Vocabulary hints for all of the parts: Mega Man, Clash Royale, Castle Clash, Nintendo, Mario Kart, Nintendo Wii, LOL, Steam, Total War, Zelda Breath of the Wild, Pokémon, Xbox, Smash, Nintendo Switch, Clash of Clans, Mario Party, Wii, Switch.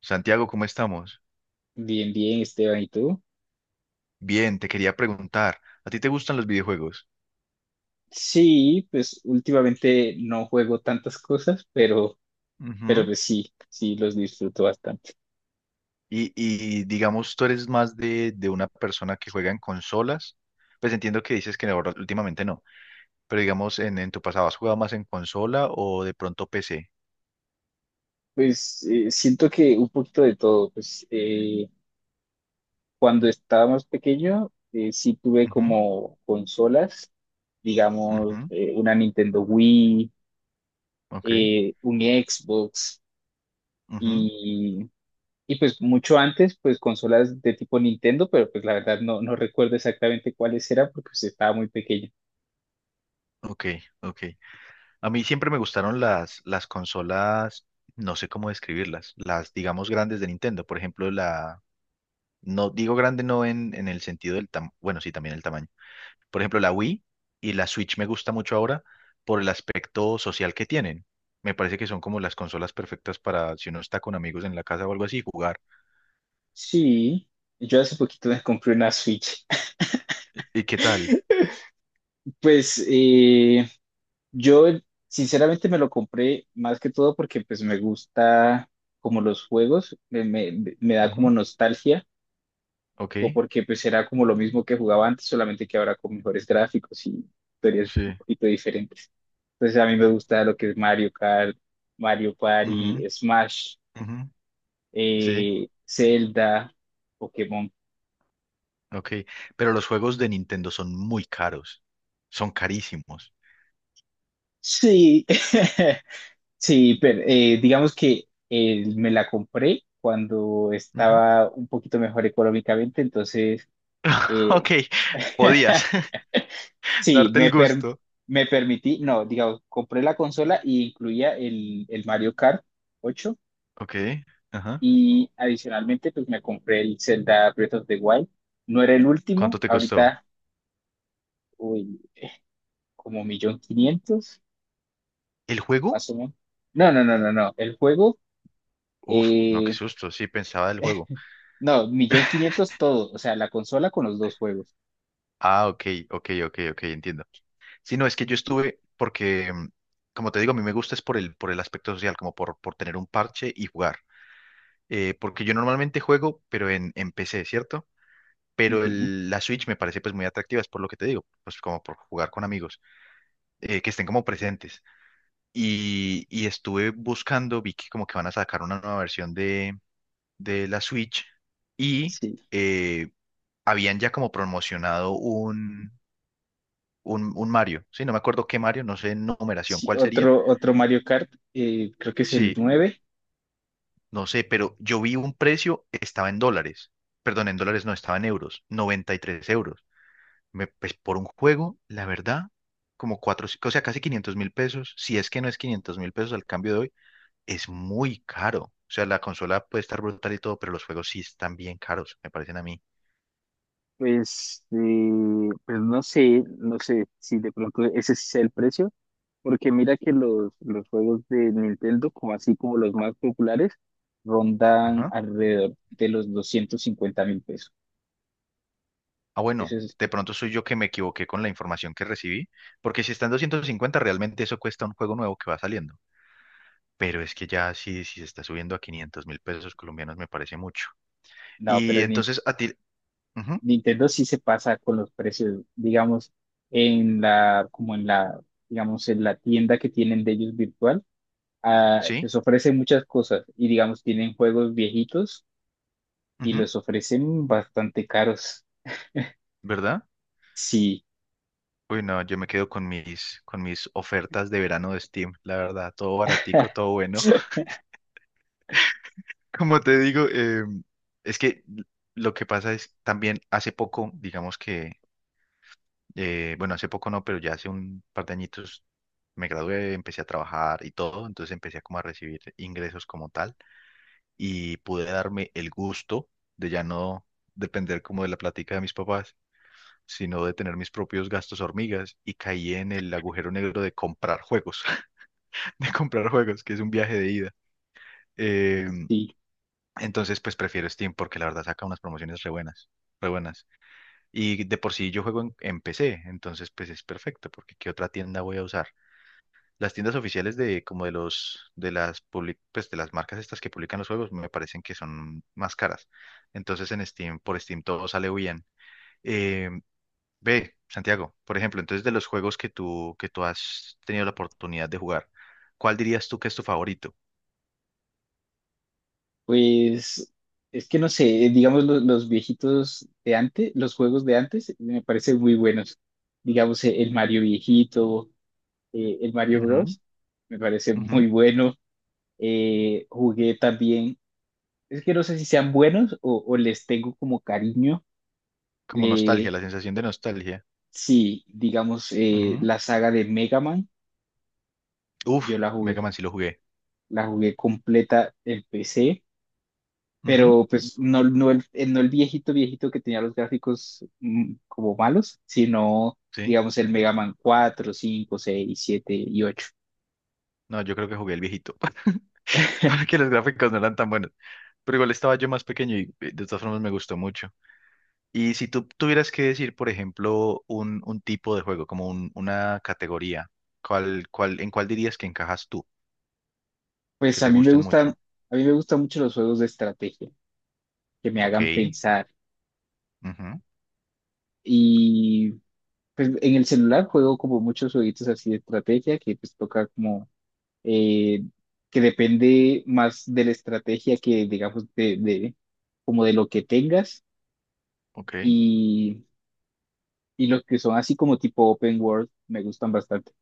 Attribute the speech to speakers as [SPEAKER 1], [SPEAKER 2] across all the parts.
[SPEAKER 1] Santiago, ¿cómo estamos?
[SPEAKER 2] Bien, bien, Esteban, ¿y tú?
[SPEAKER 1] Bien, te quería preguntar, ¿a ti te gustan los videojuegos?
[SPEAKER 2] Sí, pues últimamente no juego tantas cosas, pero
[SPEAKER 1] Ujú.
[SPEAKER 2] pues sí, sí los disfruto bastante.
[SPEAKER 1] Y digamos, tú eres más de, una persona que juega en consolas. Pues entiendo que dices que ahora últimamente no, pero digamos, en tu pasado, ¿has jugado más en consola o de pronto PC?
[SPEAKER 2] Pues siento que un poquito de todo, pues cuando estaba más pequeño, sí tuve
[SPEAKER 1] Ujú,
[SPEAKER 2] como consolas, digamos,
[SPEAKER 1] ujú,
[SPEAKER 2] una Nintendo Wii,
[SPEAKER 1] ok,
[SPEAKER 2] un Xbox
[SPEAKER 1] ujú,
[SPEAKER 2] y, y pues mucho antes, pues consolas de tipo Nintendo, pero pues la verdad no, no recuerdo exactamente cuáles eran porque pues estaba muy pequeño.
[SPEAKER 1] ok, ok. A mí siempre me gustaron las consolas, no sé cómo describirlas, las, digamos, grandes de Nintendo. Por ejemplo, la... No digo grande no en, el sentido del tamaño, bueno, sí, también el tamaño. Por ejemplo, la Wii y la Switch me gusta mucho ahora por el aspecto social que tienen. Me parece que son como las consolas perfectas para si uno está con amigos en la casa o algo así, jugar.
[SPEAKER 2] Sí, yo hace poquito me compré una Switch.
[SPEAKER 1] ¿Y qué tal?
[SPEAKER 2] Pues yo sinceramente me lo compré más que todo porque pues me gusta como los juegos, me da como
[SPEAKER 1] Ujú,
[SPEAKER 2] nostalgia
[SPEAKER 1] ok,
[SPEAKER 2] o porque pues era como lo mismo que jugaba antes, solamente que ahora con mejores gráficos y historias un
[SPEAKER 1] sí.
[SPEAKER 2] poquito diferentes. Entonces a mí me gusta lo que es Mario Kart, Mario Party,
[SPEAKER 1] Ujú,
[SPEAKER 2] Smash,
[SPEAKER 1] ujú, sí,
[SPEAKER 2] Zelda, Pokémon.
[SPEAKER 1] ok. Pero los juegos de Nintendo son muy caros. Son carísimos.
[SPEAKER 2] Sí. Sí, pero digamos que me la compré cuando
[SPEAKER 1] Ujú.
[SPEAKER 2] estaba un poquito mejor económicamente, entonces eh,
[SPEAKER 1] Ok, podías
[SPEAKER 2] sí,
[SPEAKER 1] darte el gusto.
[SPEAKER 2] me permití, no, digamos, compré la consola y incluía el Mario Kart 8
[SPEAKER 1] Ok, ajá.
[SPEAKER 2] y adicionalmente pues me compré el Zelda Breath of the Wild. No era el
[SPEAKER 1] ¿Cuánto
[SPEAKER 2] último,
[SPEAKER 1] te costó?
[SPEAKER 2] ahorita uy, como millón quinientos,
[SPEAKER 1] ¿El juego?
[SPEAKER 2] más o menos. No, no, no, no, no, el juego
[SPEAKER 1] Uf, no, qué
[SPEAKER 2] eh,
[SPEAKER 1] susto. Sí, pensaba del juego.
[SPEAKER 2] no, millón quinientos todo, o sea, la consola con los dos juegos.
[SPEAKER 1] Ah, ok, ok, ok, ok, entiendo. Sí, no, es que yo estuve porque, como te digo, a mí me gusta es por el aspecto social, como por, tener un parche y jugar. Porque yo normalmente juego, pero en, PC, ¿cierto? Pero
[SPEAKER 2] Ujú.
[SPEAKER 1] la Switch me parece pues muy atractiva, es por lo que te digo, pues como por jugar con amigos, que estén como presentes. Y estuve buscando, vi que como que van a sacar una nueva versión de, la Switch y
[SPEAKER 2] Sí,
[SPEAKER 1] eh, habían ya como promocionado un, Mario, sí, no me acuerdo qué Mario, no sé en numeración
[SPEAKER 2] sí,
[SPEAKER 1] cuál sería.
[SPEAKER 2] otro Mario Kart, creo que es el
[SPEAKER 1] Sí,
[SPEAKER 2] nueve.
[SPEAKER 1] no sé, pero yo vi un precio, estaba en dólares. Perdón, en dólares no, estaba en euros. 93 euros. Me- pues por un juego, la verdad, como cuatro, o sea, casi 500.000 pesos. Si es que no es 500.000 pesos al cambio de hoy, es muy caro. O sea, la consola puede estar brutal y todo, pero los juegos sí están bien caros, me parecen a mí.
[SPEAKER 2] Pues, pues no sé si de pronto ese sí sea el precio, porque mira que los juegos de Nintendo, como así como los más populares, rondan
[SPEAKER 1] Ajá.
[SPEAKER 2] alrededor de los 250.000 pesos.
[SPEAKER 1] Ah, bueno,
[SPEAKER 2] Eso es,
[SPEAKER 1] de pronto soy yo que me equivoqué con la información que recibí, porque si está en 250, realmente eso cuesta un juego nuevo que va saliendo. Pero es que ya sí, si se está subiendo a 500.000 pesos colombianos me parece mucho.
[SPEAKER 2] no, pero
[SPEAKER 1] Y
[SPEAKER 2] el
[SPEAKER 1] entonces a ti, ujú,
[SPEAKER 2] Nintendo sí se pasa con los precios, digamos, en la, como en la, digamos, en la tienda que tienen de ellos virtual, ah,
[SPEAKER 1] sí,
[SPEAKER 2] les ofrecen muchas cosas y, digamos, tienen juegos viejitos y
[SPEAKER 1] ujú,
[SPEAKER 2] los ofrecen bastante caros.
[SPEAKER 1] ¿verdad?
[SPEAKER 2] Sí,
[SPEAKER 1] Uy, no, yo me quedo con mis ofertas de verano de Steam, la verdad, todo baratico, todo bueno. Como te digo, es que lo que pasa es también hace poco, digamos que, bueno, hace poco no, pero ya hace un par de añitos me gradué, empecé a trabajar y todo, entonces empecé como a recibir ingresos como tal y pude darme el gusto de ya no depender como de la plática de mis papás, sino de tener mis propios gastos hormigas y caí en el agujero negro de comprar juegos, de comprar juegos, que es un viaje de ida. Eh,
[SPEAKER 2] sí,
[SPEAKER 1] entonces, pues prefiero Steam porque la verdad saca unas promociones re buenas, re buenas. Y de por sí yo juego en, PC, entonces pues es perfecto porque ¿qué otra tienda voy a usar? Las tiendas oficiales de como de los de las pues de las marcas estas que publican los juegos me parecen que son más caras. Entonces en Steam, por Steam todo sale bien. Em, Ve, Santiago, por ejemplo, entonces de los juegos que tú, has tenido la oportunidad de jugar, ¿cuál dirías tú que es tu favorito?
[SPEAKER 2] pues es que no sé, digamos, los viejitos de antes, los juegos de antes me parecen muy buenos. Digamos, el Mario viejito, el Mario
[SPEAKER 1] Ujú,
[SPEAKER 2] Bros. Me parece
[SPEAKER 1] ujú.
[SPEAKER 2] muy bueno. Jugué también, es que no sé si sean buenos o les tengo como cariño.
[SPEAKER 1] Como nostalgia,
[SPEAKER 2] Eh,
[SPEAKER 1] la sensación de nostalgia.
[SPEAKER 2] sí, digamos,
[SPEAKER 1] Ujú.
[SPEAKER 2] la saga de Mega Man,
[SPEAKER 1] Uf,
[SPEAKER 2] yo la
[SPEAKER 1] Mega
[SPEAKER 2] jugué,
[SPEAKER 1] Man sí lo jugué.
[SPEAKER 2] la jugué completa en PC,
[SPEAKER 1] Ujú,
[SPEAKER 2] pero pues no, no, no el viejito viejito que tenía los gráficos como malos, sino,
[SPEAKER 1] sí.
[SPEAKER 2] digamos, el Mega Man 4, 5, 6, 7 y 8.
[SPEAKER 1] No, yo creo que jugué el viejito. Porque los gráficos no eran tan buenos. Pero igual estaba yo más pequeño y de todas formas me gustó mucho. Y si tú tuvieras que decir, por ejemplo, un, tipo de juego, como una categoría, ¿cuál, en cuál dirías que encajas tú, que
[SPEAKER 2] Pues a
[SPEAKER 1] te
[SPEAKER 2] mí me
[SPEAKER 1] gusten
[SPEAKER 2] gustan,
[SPEAKER 1] mucho?
[SPEAKER 2] a mí me gustan mucho los juegos de estrategia, que me
[SPEAKER 1] Ok.
[SPEAKER 2] hagan pensar.
[SPEAKER 1] Ujú,
[SPEAKER 2] Y pues en el celular juego como muchos jueguitos así de estrategia que pues toca como eh, que depende más de la estrategia que digamos como de lo que tengas
[SPEAKER 1] ok,
[SPEAKER 2] y, y los que son así como tipo open world me gustan bastante.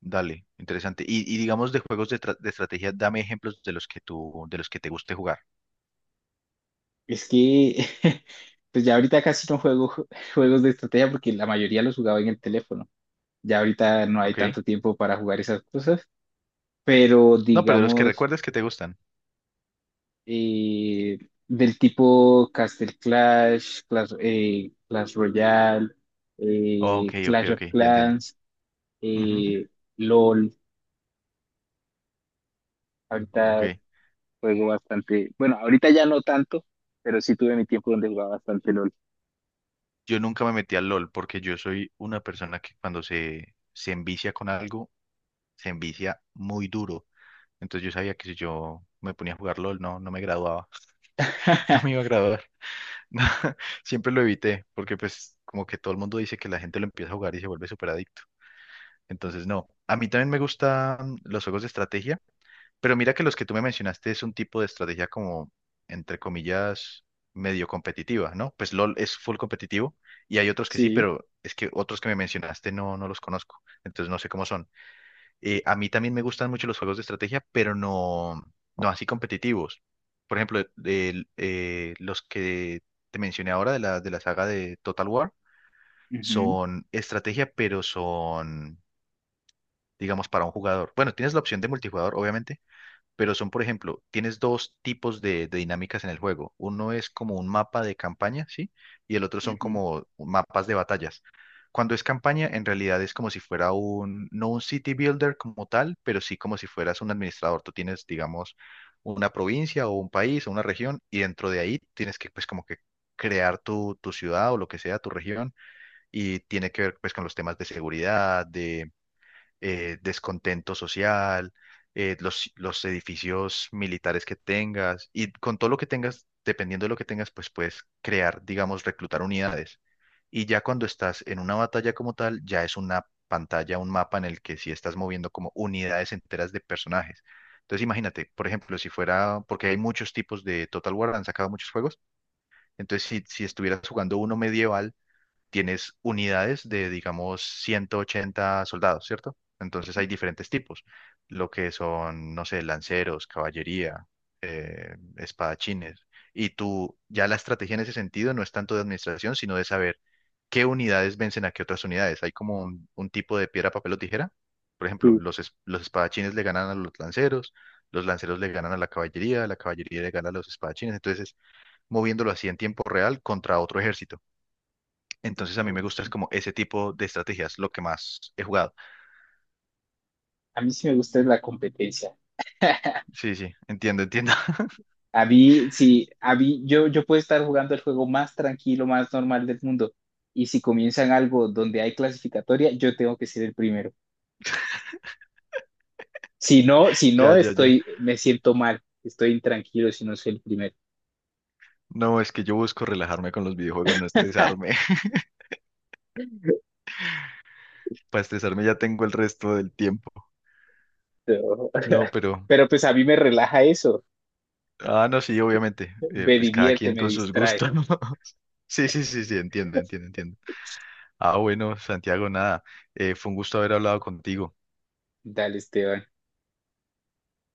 [SPEAKER 1] dale, interesante. Y digamos de juegos de, estrategia, dame ejemplos de los que tú, de los que te guste jugar.
[SPEAKER 2] Es que pues ya ahorita casi no juego juegos de estrategia porque la mayoría los jugaba en el teléfono. Ya ahorita no hay
[SPEAKER 1] Ok.
[SPEAKER 2] tanto tiempo para jugar esas cosas, pero
[SPEAKER 1] No, pero de los que
[SPEAKER 2] digamos
[SPEAKER 1] recuerdes que te gustan.
[SPEAKER 2] eh, del tipo Castle Clash, Clash, Clash Royale,
[SPEAKER 1] Ok, ok,
[SPEAKER 2] Clash
[SPEAKER 1] ok,
[SPEAKER 2] of
[SPEAKER 1] ya entiendo.
[SPEAKER 2] Clans,
[SPEAKER 1] Ujú,
[SPEAKER 2] eh, LOL.
[SPEAKER 1] ok.
[SPEAKER 2] Ahorita juego bastante, bueno, ahorita ya no tanto, pero sí tuve mi tiempo donde jugaba bastante LOL.
[SPEAKER 1] Yo nunca me metí al LOL porque yo soy una persona que cuando se, envicia con algo, se envicia muy duro. Entonces yo sabía que si yo me ponía a jugar LOL, no, no me graduaba. No me iba a graduar. Siempre lo evité porque pues como que todo el mundo dice que la gente lo empieza a jugar y se vuelve súper adicto. Entonces, no. A mí también me gustan los juegos de estrategia, pero mira que los que tú me mencionaste es un tipo de estrategia como, entre comillas, medio competitiva, ¿no? Pues LOL es full competitivo y hay otros que sí,
[SPEAKER 2] Sí.
[SPEAKER 1] pero es que otros que me mencionaste no, no los conozco, entonces no sé cómo son. A mí también me gustan mucho los juegos de estrategia, pero no, no así competitivos. Por ejemplo, los que te mencioné ahora de la, saga de Total War
[SPEAKER 2] Ujú,
[SPEAKER 1] son estrategia, pero son digamos, para un jugador. Bueno, tienes la opción de multijugador, obviamente, pero son, por ejemplo, tienes dos tipos de, dinámicas en el juego. Uno es como un mapa de campaña, ¿sí? Y el otro son
[SPEAKER 2] ujú,
[SPEAKER 1] como mapas de batallas. Cuando es campaña, en realidad es como si fuera un, no un city builder como tal, pero sí como si fueras un administrador. Tú tienes, digamos, una provincia o un país o una región y dentro de ahí tienes que, pues, como que crear tu, ciudad o lo que sea, tu región, y tiene que ver, pues, con los temas de seguridad, de descontento social, los, edificios militares que tengas y con todo lo que tengas, dependiendo de lo que tengas, pues puedes crear, digamos, reclutar unidades. Y ya cuando estás en una batalla como tal, ya es una pantalla, un mapa en el que sí estás moviendo como unidades enteras de personajes. Entonces imagínate, por ejemplo, si fuera, porque hay muchos tipos de Total War, han sacado muchos juegos, entonces si, estuvieras jugando uno medieval, tienes unidades de, digamos, 180 soldados, ¿cierto? Entonces hay diferentes tipos, lo que son, no sé, lanceros, caballería, espadachines. Y tú, ya la estrategia en ese sentido no es tanto de administración, sino de saber qué unidades vencen a qué otras unidades. Hay como un, tipo de piedra, papel o tijera. Por ejemplo,
[SPEAKER 2] sí.
[SPEAKER 1] los, los espadachines le ganan a los lanceros le ganan a la caballería le gana a los espadachines. Entonces, moviéndolo así en tiempo real contra otro ejército. Entonces a mí me gusta es
[SPEAKER 2] Ok.
[SPEAKER 1] como ese tipo de estrategias, lo que más he jugado.
[SPEAKER 2] A mí sí me gusta es la competencia.
[SPEAKER 1] Sí, sí, entiendo, entiendo.
[SPEAKER 2] A mí, sí, a mí, yo puedo estar jugando el juego más tranquilo, más normal del mundo. Y si comienzan algo donde hay clasificatoria, yo tengo que ser el primero. Si no, si
[SPEAKER 1] Ya,
[SPEAKER 2] no,
[SPEAKER 1] ya, ya.
[SPEAKER 2] me siento mal, estoy intranquilo si no soy el primero.
[SPEAKER 1] No, es que yo busco relajarme con los videojuegos, no estresarme. Para estresarme ya tengo el resto del tiempo.
[SPEAKER 2] Pero,
[SPEAKER 1] No, pero...
[SPEAKER 2] pero pues a mí me relaja eso,
[SPEAKER 1] Ah, no, sí, obviamente.
[SPEAKER 2] me
[SPEAKER 1] Pues cada
[SPEAKER 2] divierte,
[SPEAKER 1] quien
[SPEAKER 2] me
[SPEAKER 1] con sus
[SPEAKER 2] distrae.
[SPEAKER 1] gustos, ¿no? Sí, sí, sí, sí, entiendo, entiendo, entiendo. Ah, bueno, Santiago, nada, fue un gusto haber hablado contigo.
[SPEAKER 2] Dale, Esteban.